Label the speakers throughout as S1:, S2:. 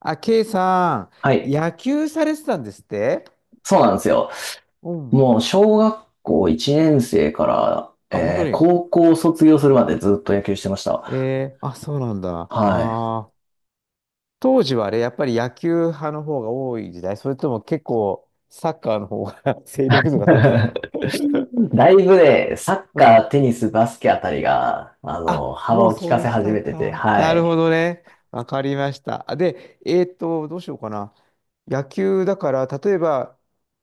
S1: あ、ケイさ
S2: は
S1: ん、
S2: い。
S1: 野球されてたんですって。
S2: そうなんですよ。
S1: うん。
S2: もう小学校1年生から、
S1: あ、本当に。
S2: 高校卒業するまでずっと野球してました。
S1: あ、そうなんだ。あ
S2: はい。
S1: あ、当時はあれ、やっぱり野球派の方が多い時代、それとも結構サッカーの方が 勢力図が高 かった。
S2: だいぶね、サッ
S1: う
S2: カ
S1: ん。
S2: ー、テニス、バスケあたりが、
S1: あ、
S2: 幅
S1: もう
S2: を利
S1: そう
S2: か
S1: いう
S2: せ
S1: 時
S2: 始
S1: 代
S2: めてて、
S1: か。
S2: は
S1: なるほ
S2: い。
S1: どね。わかりました。あで、どうしようかな。野球だから、例えば、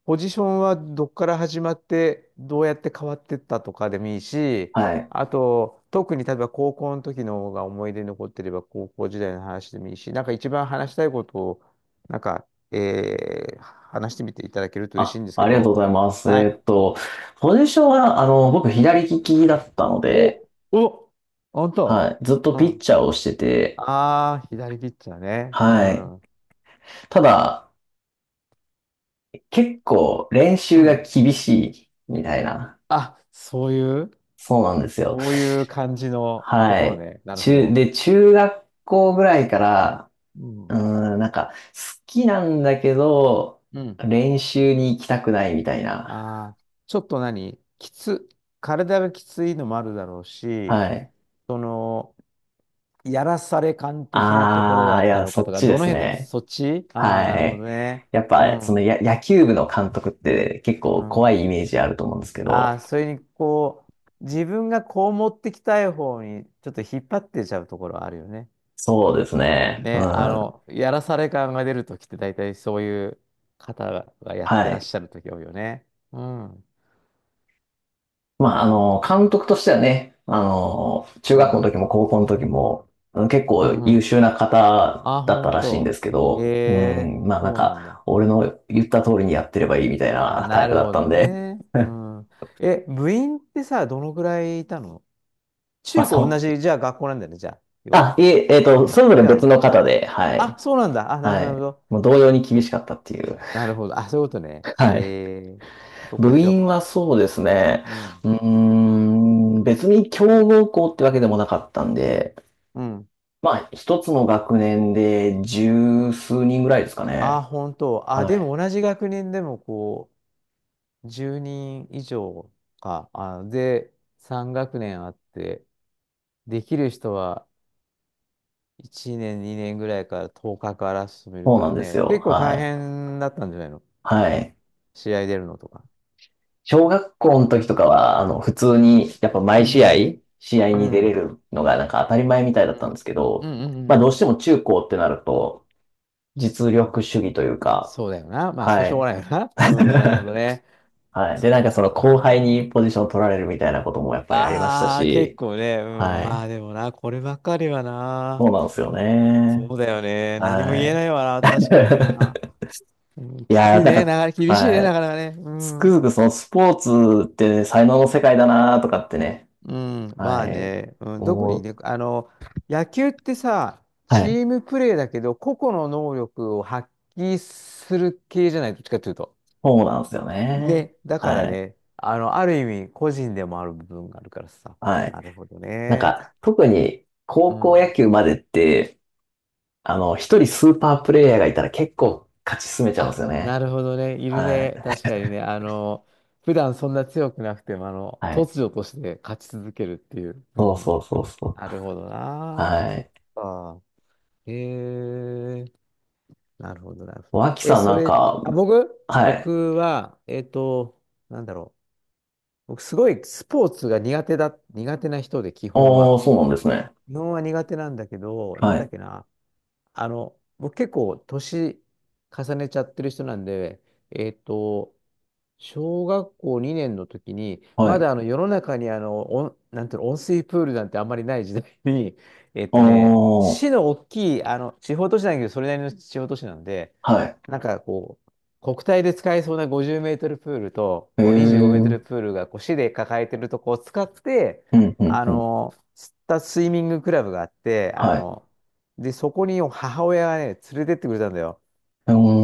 S1: ポジションはどっから始まって、どうやって変わってったとかでもいいし、
S2: はい。
S1: あと、特に例えば高校の時の方が思い出に残ってれば、高校時代の話でもいいし、なんか一番話したいことを、なんか、話してみていただけると嬉し
S2: あ、
S1: いんですけ
S2: ありがとう
S1: ど、
S2: ございます。
S1: はい。
S2: ポジションは、僕左利きだったので、
S1: お、お、あんた。
S2: はい。ずっと
S1: う
S2: ピッ
S1: ん。
S2: チャーをしてて、
S1: ああ、左ピッチャーね。う
S2: はい。
S1: ん。う
S2: ただ、結構練習が
S1: ん。
S2: 厳しいみたいな。
S1: あ、そういう。
S2: そうなんですよ。
S1: こういう感じのと
S2: は
S1: ころ
S2: い。
S1: ね。なるほ
S2: 中、
S1: ど。
S2: で、中学校ぐらいから、
S1: う
S2: う
S1: ん。
S2: ーん、なんか、好きなんだけど、
S1: うん。
S2: 練習に行きたくないみたいな。
S1: ああ、ちょっと何きつ、体がきついのもあるだろうし、
S2: はい。
S1: その、やらされ感的なところ
S2: あ
S1: だ
S2: ー、い
S1: った
S2: や、
S1: の
S2: そ
S1: かと
S2: っ
S1: か、
S2: ちで
S1: どの
S2: す
S1: 辺の、
S2: ね。
S1: そっち。ああー、なる
S2: は
S1: ほど
S2: い。
S1: ね。
S2: やっ
S1: う
S2: ぱ、そ
S1: ん、
S2: の
S1: う
S2: や、野球部の監督って結構怖
S1: ん。
S2: いイメージあると思うんですけど、
S1: ああ、それに、こう、自分がこう持ってきたい方に、ちょっと引っ張ってちゃうところはあるよね。
S2: そうですね。う
S1: ね、あ
S2: ん。
S1: の、やらされ感が出るときって、大体そういう方がやって
S2: は
S1: らっ
S2: い。
S1: しゃるとき多いよね。うん。
S2: ま
S1: な
S2: あ、
S1: るほど
S2: 監
S1: ね。
S2: 督としてはね、中
S1: う
S2: 学校の
S1: ん。
S2: 時も高校の時も、うん、結
S1: う
S2: 構
S1: ん、う
S2: 優
S1: ん。
S2: 秀な方
S1: あ、
S2: だった
S1: 本
S2: らしいんで
S1: 当。
S2: すけ
S1: へ
S2: ど、う
S1: え、
S2: ん、まあなん
S1: そうなんだ。
S2: か、俺の言った通りにやってればいいみたい
S1: あ、
S2: なタ
S1: な
S2: イプ
S1: る
S2: だっ
S1: ほ
S2: たん
S1: ど
S2: で、
S1: ね。うん。え、部員ってさ、どのくらいいたの？
S2: まあ
S1: 中高同
S2: そ
S1: じ、
S2: う。
S1: じゃあ学校なんだよね、じゃあ、要は。
S2: あ、いえ、それぞれ
S1: 違う
S2: 別
S1: の？
S2: の方で、はい。
S1: あ、そうなんだ。あ、なる
S2: は
S1: ほど、なる
S2: い。
S1: ほど。
S2: もう同様に
S1: そ
S2: 厳
S1: っ
S2: し
S1: か。
S2: かったっていう。
S1: なるほど。あ、そういうことね。
S2: はい。
S1: えー、そっか、
S2: 部
S1: じゃあ、
S2: 員はそうですね。
S1: うん。
S2: うーん、別に強豪校ってわけでもなかったんで、
S1: うん。
S2: まあ、一つの学年で十数人ぐらいですか
S1: あ、
S2: ね。
S1: 本当。あ、
S2: は
S1: で
S2: い。
S1: も同じ学年でもこう、10人以上か。あ、で、3学年あって、できる人は、1年、2年ぐらいから10日かから始める
S2: そう
S1: か
S2: な
S1: ら
S2: んです
S1: ね、
S2: よ。
S1: 結構大
S2: はい。
S1: 変だったんじゃないの？
S2: はい。
S1: 試合出るのとか。
S2: 小学校の時とかは、普通
S1: う
S2: に、
S1: ん。
S2: やっぱ
S1: う
S2: 毎試合、
S1: ん。
S2: 試合
S1: う
S2: に出れ
S1: ん。
S2: るのがなんか当たり前みたいだ
S1: う
S2: ったんで
S1: ん。
S2: すけ
S1: う
S2: ど、
S1: ん。う
S2: まあ、どうし
S1: ん。
S2: ても中高ってなると、実力主義というか、
S1: そうだよな。まあ、そう
S2: は
S1: しょう
S2: い。
S1: がないよな。うん、なるほどね。
S2: はい。で、な
S1: そ
S2: ん
S1: う
S2: か
S1: だ
S2: その
S1: ろう
S2: 後輩に
S1: な。
S2: ポジション取られるみたいなこともやっぱりありました
S1: ああ、結
S2: し、
S1: 構ね。うん。
S2: は
S1: まあ
S2: い。
S1: でもな、こればっかりは
S2: そ
S1: な。
S2: うなんですよね。
S1: そうだよね。何も
S2: は
S1: 言え
S2: い。
S1: ないわな。確かにな。うん、
S2: い
S1: きつ
S2: やー、
S1: い
S2: なん
S1: ね。な
S2: か、
S1: かなか厳しいね。
S2: は
S1: な
S2: い。
S1: かなかね。う
S2: つく
S1: ん。
S2: づくそのスポーツって才能の世界だなとかってね、
S1: うん、
S2: は
S1: まあ
S2: い、
S1: ね、うん、特
S2: 思
S1: に
S2: う。
S1: ね、あの、野球ってさ、
S2: は
S1: チ
S2: い。
S1: ームプレーだけど、個々の能力を発揮する系じゃない、どっちかというと。
S2: そうなんですよね。
S1: ね、だから
S2: はい。
S1: ね、あの、ある意味、個人でもある部分があるからさ。
S2: はい。
S1: なるほど
S2: なん
S1: ね。
S2: か、特に
S1: う
S2: 高校野
S1: ん。
S2: 球までって、一人スーパープレイヤーがいたら結構勝ち進めちゃうんです
S1: あ、
S2: よ
S1: な
S2: ね。
S1: るほどね。いる
S2: は
S1: ね。
S2: い。
S1: 確かにね。あの、普段そんな強くなくても、あの、
S2: はい。
S1: 突如として勝ち続けるっていう。う
S2: そう
S1: ん。
S2: そうそうそう。
S1: なるほどな。
S2: は
S1: そっ
S2: い。
S1: か。へえ。なるほど、なるほど。
S2: 脇
S1: え、
S2: さん
S1: そ
S2: なん
S1: れ、
S2: か、
S1: あ、僕、
S2: はい。
S1: 僕は、なんだろう。僕、すごいスポーツが苦手な人で、基本
S2: あ
S1: は。
S2: あ、そうなんですね。
S1: 基本は苦手なんだけど、な
S2: は
S1: んだっ
S2: い。
S1: けな。あの、僕結構、年重ねちゃってる人なんで、えっと、小学校2年の時に、
S2: は
S1: ま
S2: い。
S1: だあの世の中にあの、温なんていうの、温水プールなんてあんまりない時代に、
S2: ああ、
S1: 市の大きい、あの、地方都市なんだけど、それなりの地方都市なんで、
S2: は
S1: なんかこう、国体で使えそうな50メートルプールと、
S2: い。へえ。
S1: こう25メー
S2: う
S1: トル
S2: ん、
S1: プールがこう市で抱えてるとこを使って、
S2: うん、う
S1: あ
S2: ん。
S1: の、釣ったスイミングクラブがあって、あ
S2: はい。
S1: の、で、そこに母親がね、連れてってくれたんだよ。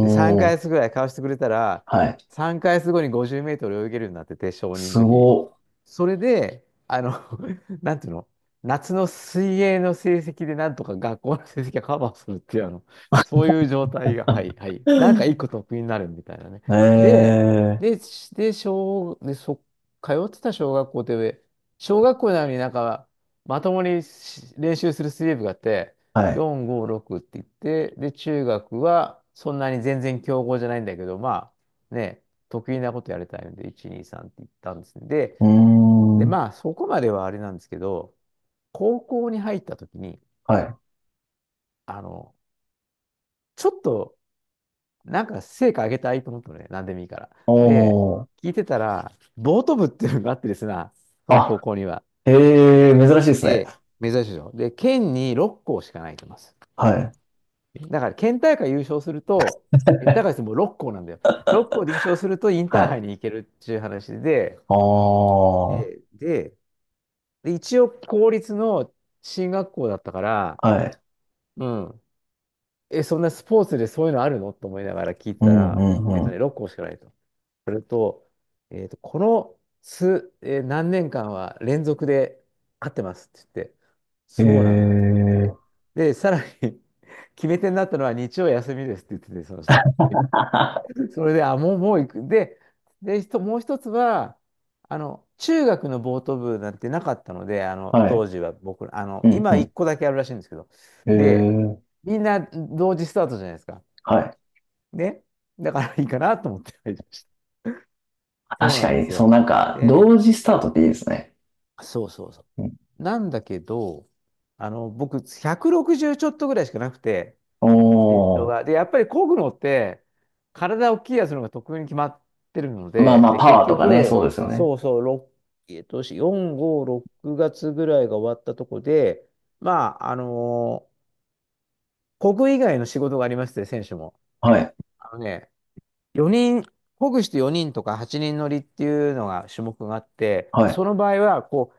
S1: で、3
S2: ー
S1: ヶ
S2: ん、
S1: 月ぐらい買わしてくれたら、
S2: はい。
S1: 3ヶ月後に50メートル泳げるようになってて、小認の
S2: す
S1: 時に。
S2: ご。
S1: それで、あの、なんていうの、夏の水泳の成績でなんとか学校の成績がカバーするっていう、あの、そういう状態が、はい、はい。なんか 一個得意になるみたいなね。
S2: え
S1: で、
S2: え、
S1: で、通ってた小学校って、小学校なのになんか、まともにし練習する水泳部があって、
S2: はい。
S1: 4、5、6って言って、で、中学はそんなに全然強豪じゃないんだけど、まあ、ね、得意なことやりたいので、1、2、3って言ったんですね。で、
S2: うー
S1: で、
S2: ん。
S1: まあ、そこまではあれなんですけど、高校に入った時に、
S2: はい。
S1: あの、ちょっと、なんか成果上げたいと思ったのね、何でもいいから。で、
S2: おー。
S1: 聞いてたら、ボート部っていうのがあってですな、その高
S2: あ、
S1: 校には。
S2: ええ、珍しいですね。
S1: で、珍しいでしょ。で、県に6校しかないと思います。
S2: はい。
S1: だから、県大会優勝すると、県大会って もう6校なんだよ。6校で優勝するとイン
S2: は
S1: ターハ
S2: い。
S1: イに行けるっていう話で、
S2: ああ、は
S1: で、で、で一応公立の進学校だったから、
S2: い。
S1: うん。え、そんなスポーツでそういうのあるのと思いながら聞い
S2: う
S1: た
S2: んう
S1: ら、
S2: んうん。
S1: 6校しかないと。それと、この数、何年間は連続で勝ってますって言って、そうなん
S2: へ
S1: だと思って。
S2: え。
S1: で、さらに 決め手になったのは日曜休みですって言ってて、その、ね それで、あ、もう行く。で、もう一つは、あの、中学のボート部なんてなかったので、あの、
S2: はい。
S1: 当時は僕ら、あの、
S2: うんう
S1: 今一
S2: ん。
S1: 個だけあるらしいんですけど、
S2: へ
S1: で、
S2: え。
S1: みんな同時スタートじゃないですか。
S2: はい。
S1: ね。だからいいかなと思って入りました。そう
S2: 確
S1: な
S2: か
S1: んで
S2: に、
S1: す
S2: そう
S1: よ。
S2: なんか、
S1: で、
S2: 同時スタートっていいですね。
S1: そうそうそ
S2: うん。
S1: う。なんだけど、あの、僕、160ちょっとぐらいしかなくて、
S2: お
S1: 身長
S2: お。
S1: が。で、やっぱり漕ぐのって、体を大きいやつの方が得意に決まってるの
S2: まあま
S1: で、
S2: あ、
S1: で、
S2: パ
S1: 結
S2: ワーとかね、そうで
S1: 局、
S2: すよね。
S1: そうそう、6、4、5、6月ぐらいが終わったとこで、まあ、あのー漕ぐ以外の仕事がありまして、選手も。
S2: はい。
S1: あのね、4人、漕ぐして4人よにんとか8人乗りっていうのが種目があって、
S2: はい。
S1: その場合は、こ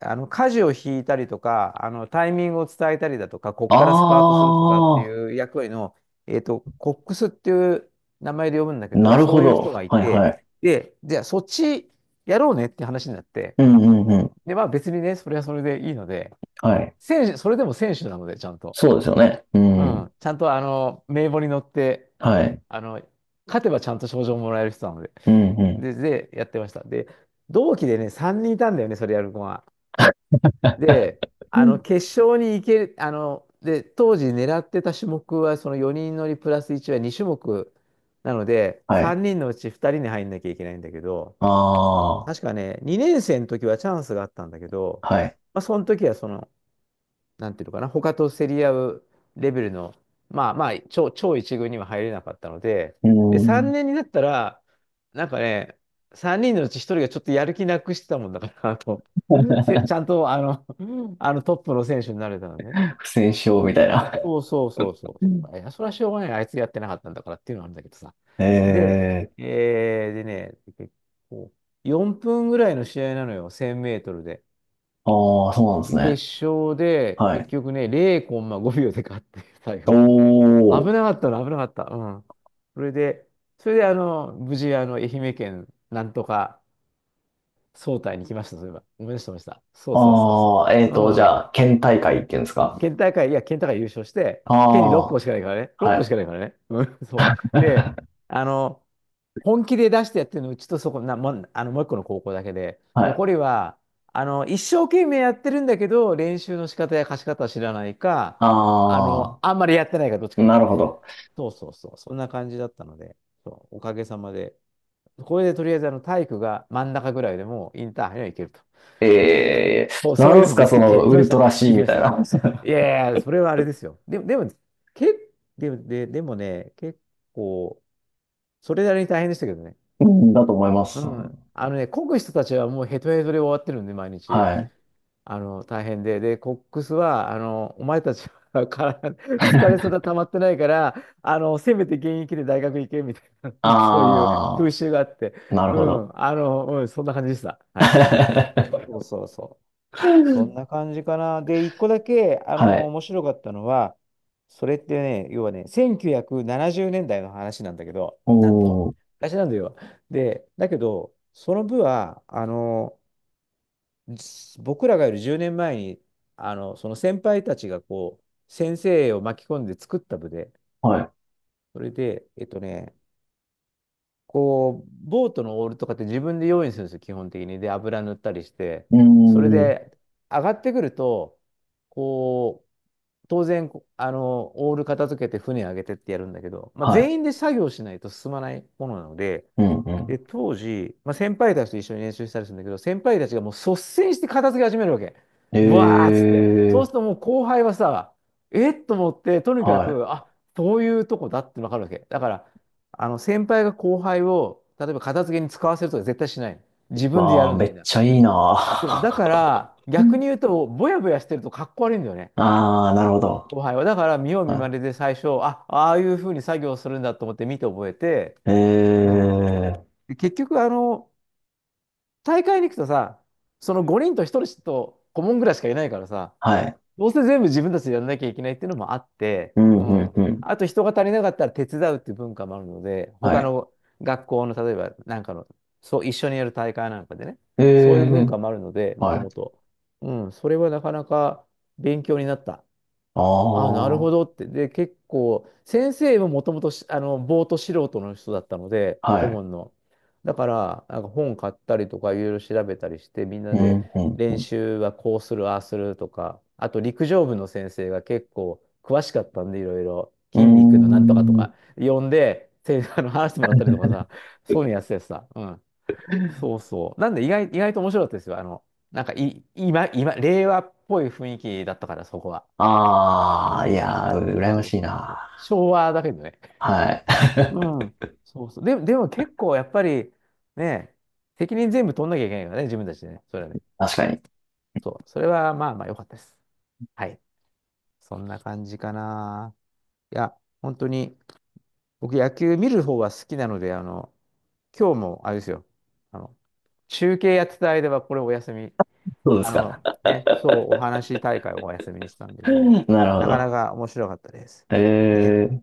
S1: あの、舵を引いたりとか、あの、タイミングを伝えたりだとか、こっ
S2: あ
S1: からスパートするとかって
S2: あ、
S1: いう役割の、コックスっていう名前で呼ぶんだけ
S2: な
S1: ど、
S2: る
S1: そ
S2: ほ
S1: ういう
S2: ど。
S1: 人がい
S2: はいは
S1: て、
S2: い。
S1: で、じゃあそっちやろうねって話になって、
S2: うんうんうん。
S1: で、まあ別にね、それはそれでいいので、
S2: はい。
S1: 選手、それでも選手なので、ちゃんと。
S2: そうですよね。う
S1: うん、
S2: ん。
S1: ちゃんとあの、名簿に乗って、
S2: はい。
S1: あの、勝てばちゃんと賞状もらえる人なので、
S2: うんうん。
S1: で、やってました。で、同期でね、3人いたんだよね、それやる子が。で、
S2: うん、
S1: 決勝に行ける、で、当時狙ってた種目は、その4人乗りプラス1は2種目なので、
S2: はい。
S1: 3人のうち2人に入んなきゃいけないんだけど、
S2: ああ、
S1: 確かね、2年生の時はチャンスがあったんだけど、
S2: はい。
S1: まあ、その時はその、なんていうのかな、他と競り合うレベルの、まあまあ、超一軍には入れなかったので、
S2: う
S1: で、
S2: ん。
S1: 3年になったら、なんかね、3人のうち1人がちょっとやる気なくしてたもんだから、あと、ちゃんとあのトップの選手になれたのね。
S2: 不戦勝みたいな。
S1: そうそうそうそ
S2: うん。
S1: う。いや、それはしょうがない。あいつやってなかったんだからっていうのはあるんだけどさ。で、
S2: え
S1: えー、でね、結構、4分ぐらいの試合なのよ、1000メートルで。
S2: ー、ああ、そうなんです
S1: で、決
S2: ね。
S1: 勝で、
S2: は
S1: 結
S2: い。
S1: 局ね、0コンマ5秒で勝って、最
S2: お
S1: 後。危
S2: ー、
S1: なかったの、危なかった。うん。それで、それで、無事、愛媛県、なんとか、総体に来ました、そういえば。思い出してました。そうそうそうそ
S2: ああ、
S1: う。う
S2: じ
S1: ん。
S2: ゃあ、県大会っていうんですか。
S1: 県大会、いや、県大会優勝して、
S2: あ
S1: 県に6校
S2: あ、
S1: しかないからね。6
S2: は
S1: 校し
S2: い。
S1: かないからね。うん、そう。で、あの、本気で出してやってるの、うちとそこ、もう、もう一個の高校だけで、
S2: はい。
S1: 残りは、一生懸命やってるんだけど、練習の仕方や貸し方は知らないか、
S2: あ
S1: あんまりやってないか、どっち
S2: あ、
S1: かだっ
S2: な
S1: た。
S2: るほど。
S1: そうそうそう。そんな感じだったので、そう、おかげさまで。これでとりあえず、体育が真ん中ぐらいでもうインターハイには行けると。
S2: ええ、
S1: そう、そ
S2: な
S1: う
S2: ん
S1: い
S2: で
S1: うの
S2: す
S1: を見
S2: か、
S1: つ
S2: そ
S1: けて、
S2: の、
S1: 行きま
S2: ウ
S1: し
S2: ル
S1: た。
S2: トラ C
S1: 行き
S2: み
S1: まし
S2: たい
S1: た。
S2: な。
S1: い やいや、それはあれですよ。でも、でも、け、でも、で、でもね、結構、それなりに大変でしたけどね。
S2: うん、だと思いま
S1: う
S2: す。
S1: ん。あのね、こぐ人たちはもうヘトヘトで終わってるんで、毎日。
S2: はい。
S1: 大変で。で、コックスは、お前たちはから 疲れそん た溜まってないから、せめて現役で大学行け、みたいな、そういう風
S2: あ
S1: 習があって。
S2: あ、なる
S1: う
S2: ほど。
S1: ん。うん、そんな感じでした。はい。そ うそうそう。そんな感じかな。で、一個だけ、
S2: はい。
S1: 面白かったのは、それってね、要はね、1970年代の話なんだけど、なんと。
S2: おー、
S1: 昔なんだよ。で、だけど、その部は、僕らがいる10年前に、その先輩たちがこう、先生を巻き込んで作った部で、
S2: はい。
S1: それで、こう、ボートのオールとかって自分で用意するんですよ、基本的に。で、油塗ったりして。
S2: うー
S1: それ
S2: ん、
S1: で、上がってくると、こう、当然、こあの、オール片付けて船上げてってやるんだけど、まあ、
S2: はい。
S1: 全員で作業しないと進まないものなので、
S2: うんう
S1: で、
S2: ん。
S1: 当時、まあ、先輩たちと一緒に練習したりするんだけど、先輩たちがもう率先して片付け始めるわけ。
S2: え
S1: ブワーっつって。そう
S2: ー、
S1: するともう後輩はさ、えっと思って、とにか
S2: はい。
S1: く、あ、そういうとこだってわかるわけ。だから、先輩が後輩を、例えば片付けに使わせるとか絶対しない。自分で
S2: わ
S1: やる
S2: あ、
S1: の、
S2: め
S1: みん
S2: っ
S1: な。
S2: ちゃいいな
S1: そう。だか
S2: ー。
S1: ら、逆 に言うと、ぼやぼやしてるとかっこ悪いんだよね。
S2: ああ、なるほど。
S1: 後輩は。だから、見よう見ま
S2: は
S1: ねで最初、あ、ああいうふうに作業するんだと思って見て覚えて、
S2: い。え
S1: うん。
S2: ー、
S1: で結局、大会に行くとさ、その5人と1人と顧問ぐらいしかいないからさ、
S2: はい。
S1: どうせ全部自分たちでやらなきゃいけないっていうのもあって、
S2: う
S1: う
S2: ん、うん、
S1: ん。
S2: うん。
S1: あと人が足りなかったら手伝うっていう文化もあるので、
S2: は
S1: 他
S2: い。
S1: の学校の例えばなんかの、そう、一緒にやる大会なんかでね、
S2: え
S1: そういう文
S2: ー、
S1: 化もあるので、もと
S2: は
S1: も
S2: い。
S1: と。うん、それはなかなか勉強になった。
S2: あ
S1: あ、な
S2: あ、
S1: るほどって。で、結構、先生ももともとし、あの、ぼーっと素人の人だったので、
S2: は
S1: 顧
S2: い。
S1: 問の。だから、なんか本買ったりとか、いろいろ調べたりして、みんな
S2: う
S1: で
S2: ん、う
S1: 練習はこうする、ああするとか、あと陸上部の先生が結構詳しかったんで、いろいろ筋肉のなんとかと
S2: ん。うーん。
S1: か、呼んで、話してもらったりとかさ、そういうのやっててさ、うん。そうそう。なんで、意外と面白かったですよ。あの、なんかい、今、令和っぽい雰囲気だったから、そこは。
S2: あ
S1: う
S2: あ、い
S1: ん。
S2: やー、
S1: そう
S2: 羨ま
S1: そう
S2: しい
S1: そうそう。
S2: な。
S1: 昭和だけどね。
S2: は
S1: う
S2: い。
S1: ん。そうそう。で、でも結構やっぱり、ね、責任全部取んなきゃいけないからね、自分たちでね。それはね。
S2: 確かに。
S1: そう。それはまあまあ良かったです。はい。そんな感じかな。いや、本当に、僕野球見る方は好きなので、今日もあれですよ。あの、中継やってた間はこれお休み。
S2: そうですか。
S1: ね、そう、お話し大会をお休みにしたんでね。
S2: なるほ
S1: なかな
S2: ど。
S1: か面白かったです。ね。
S2: ええ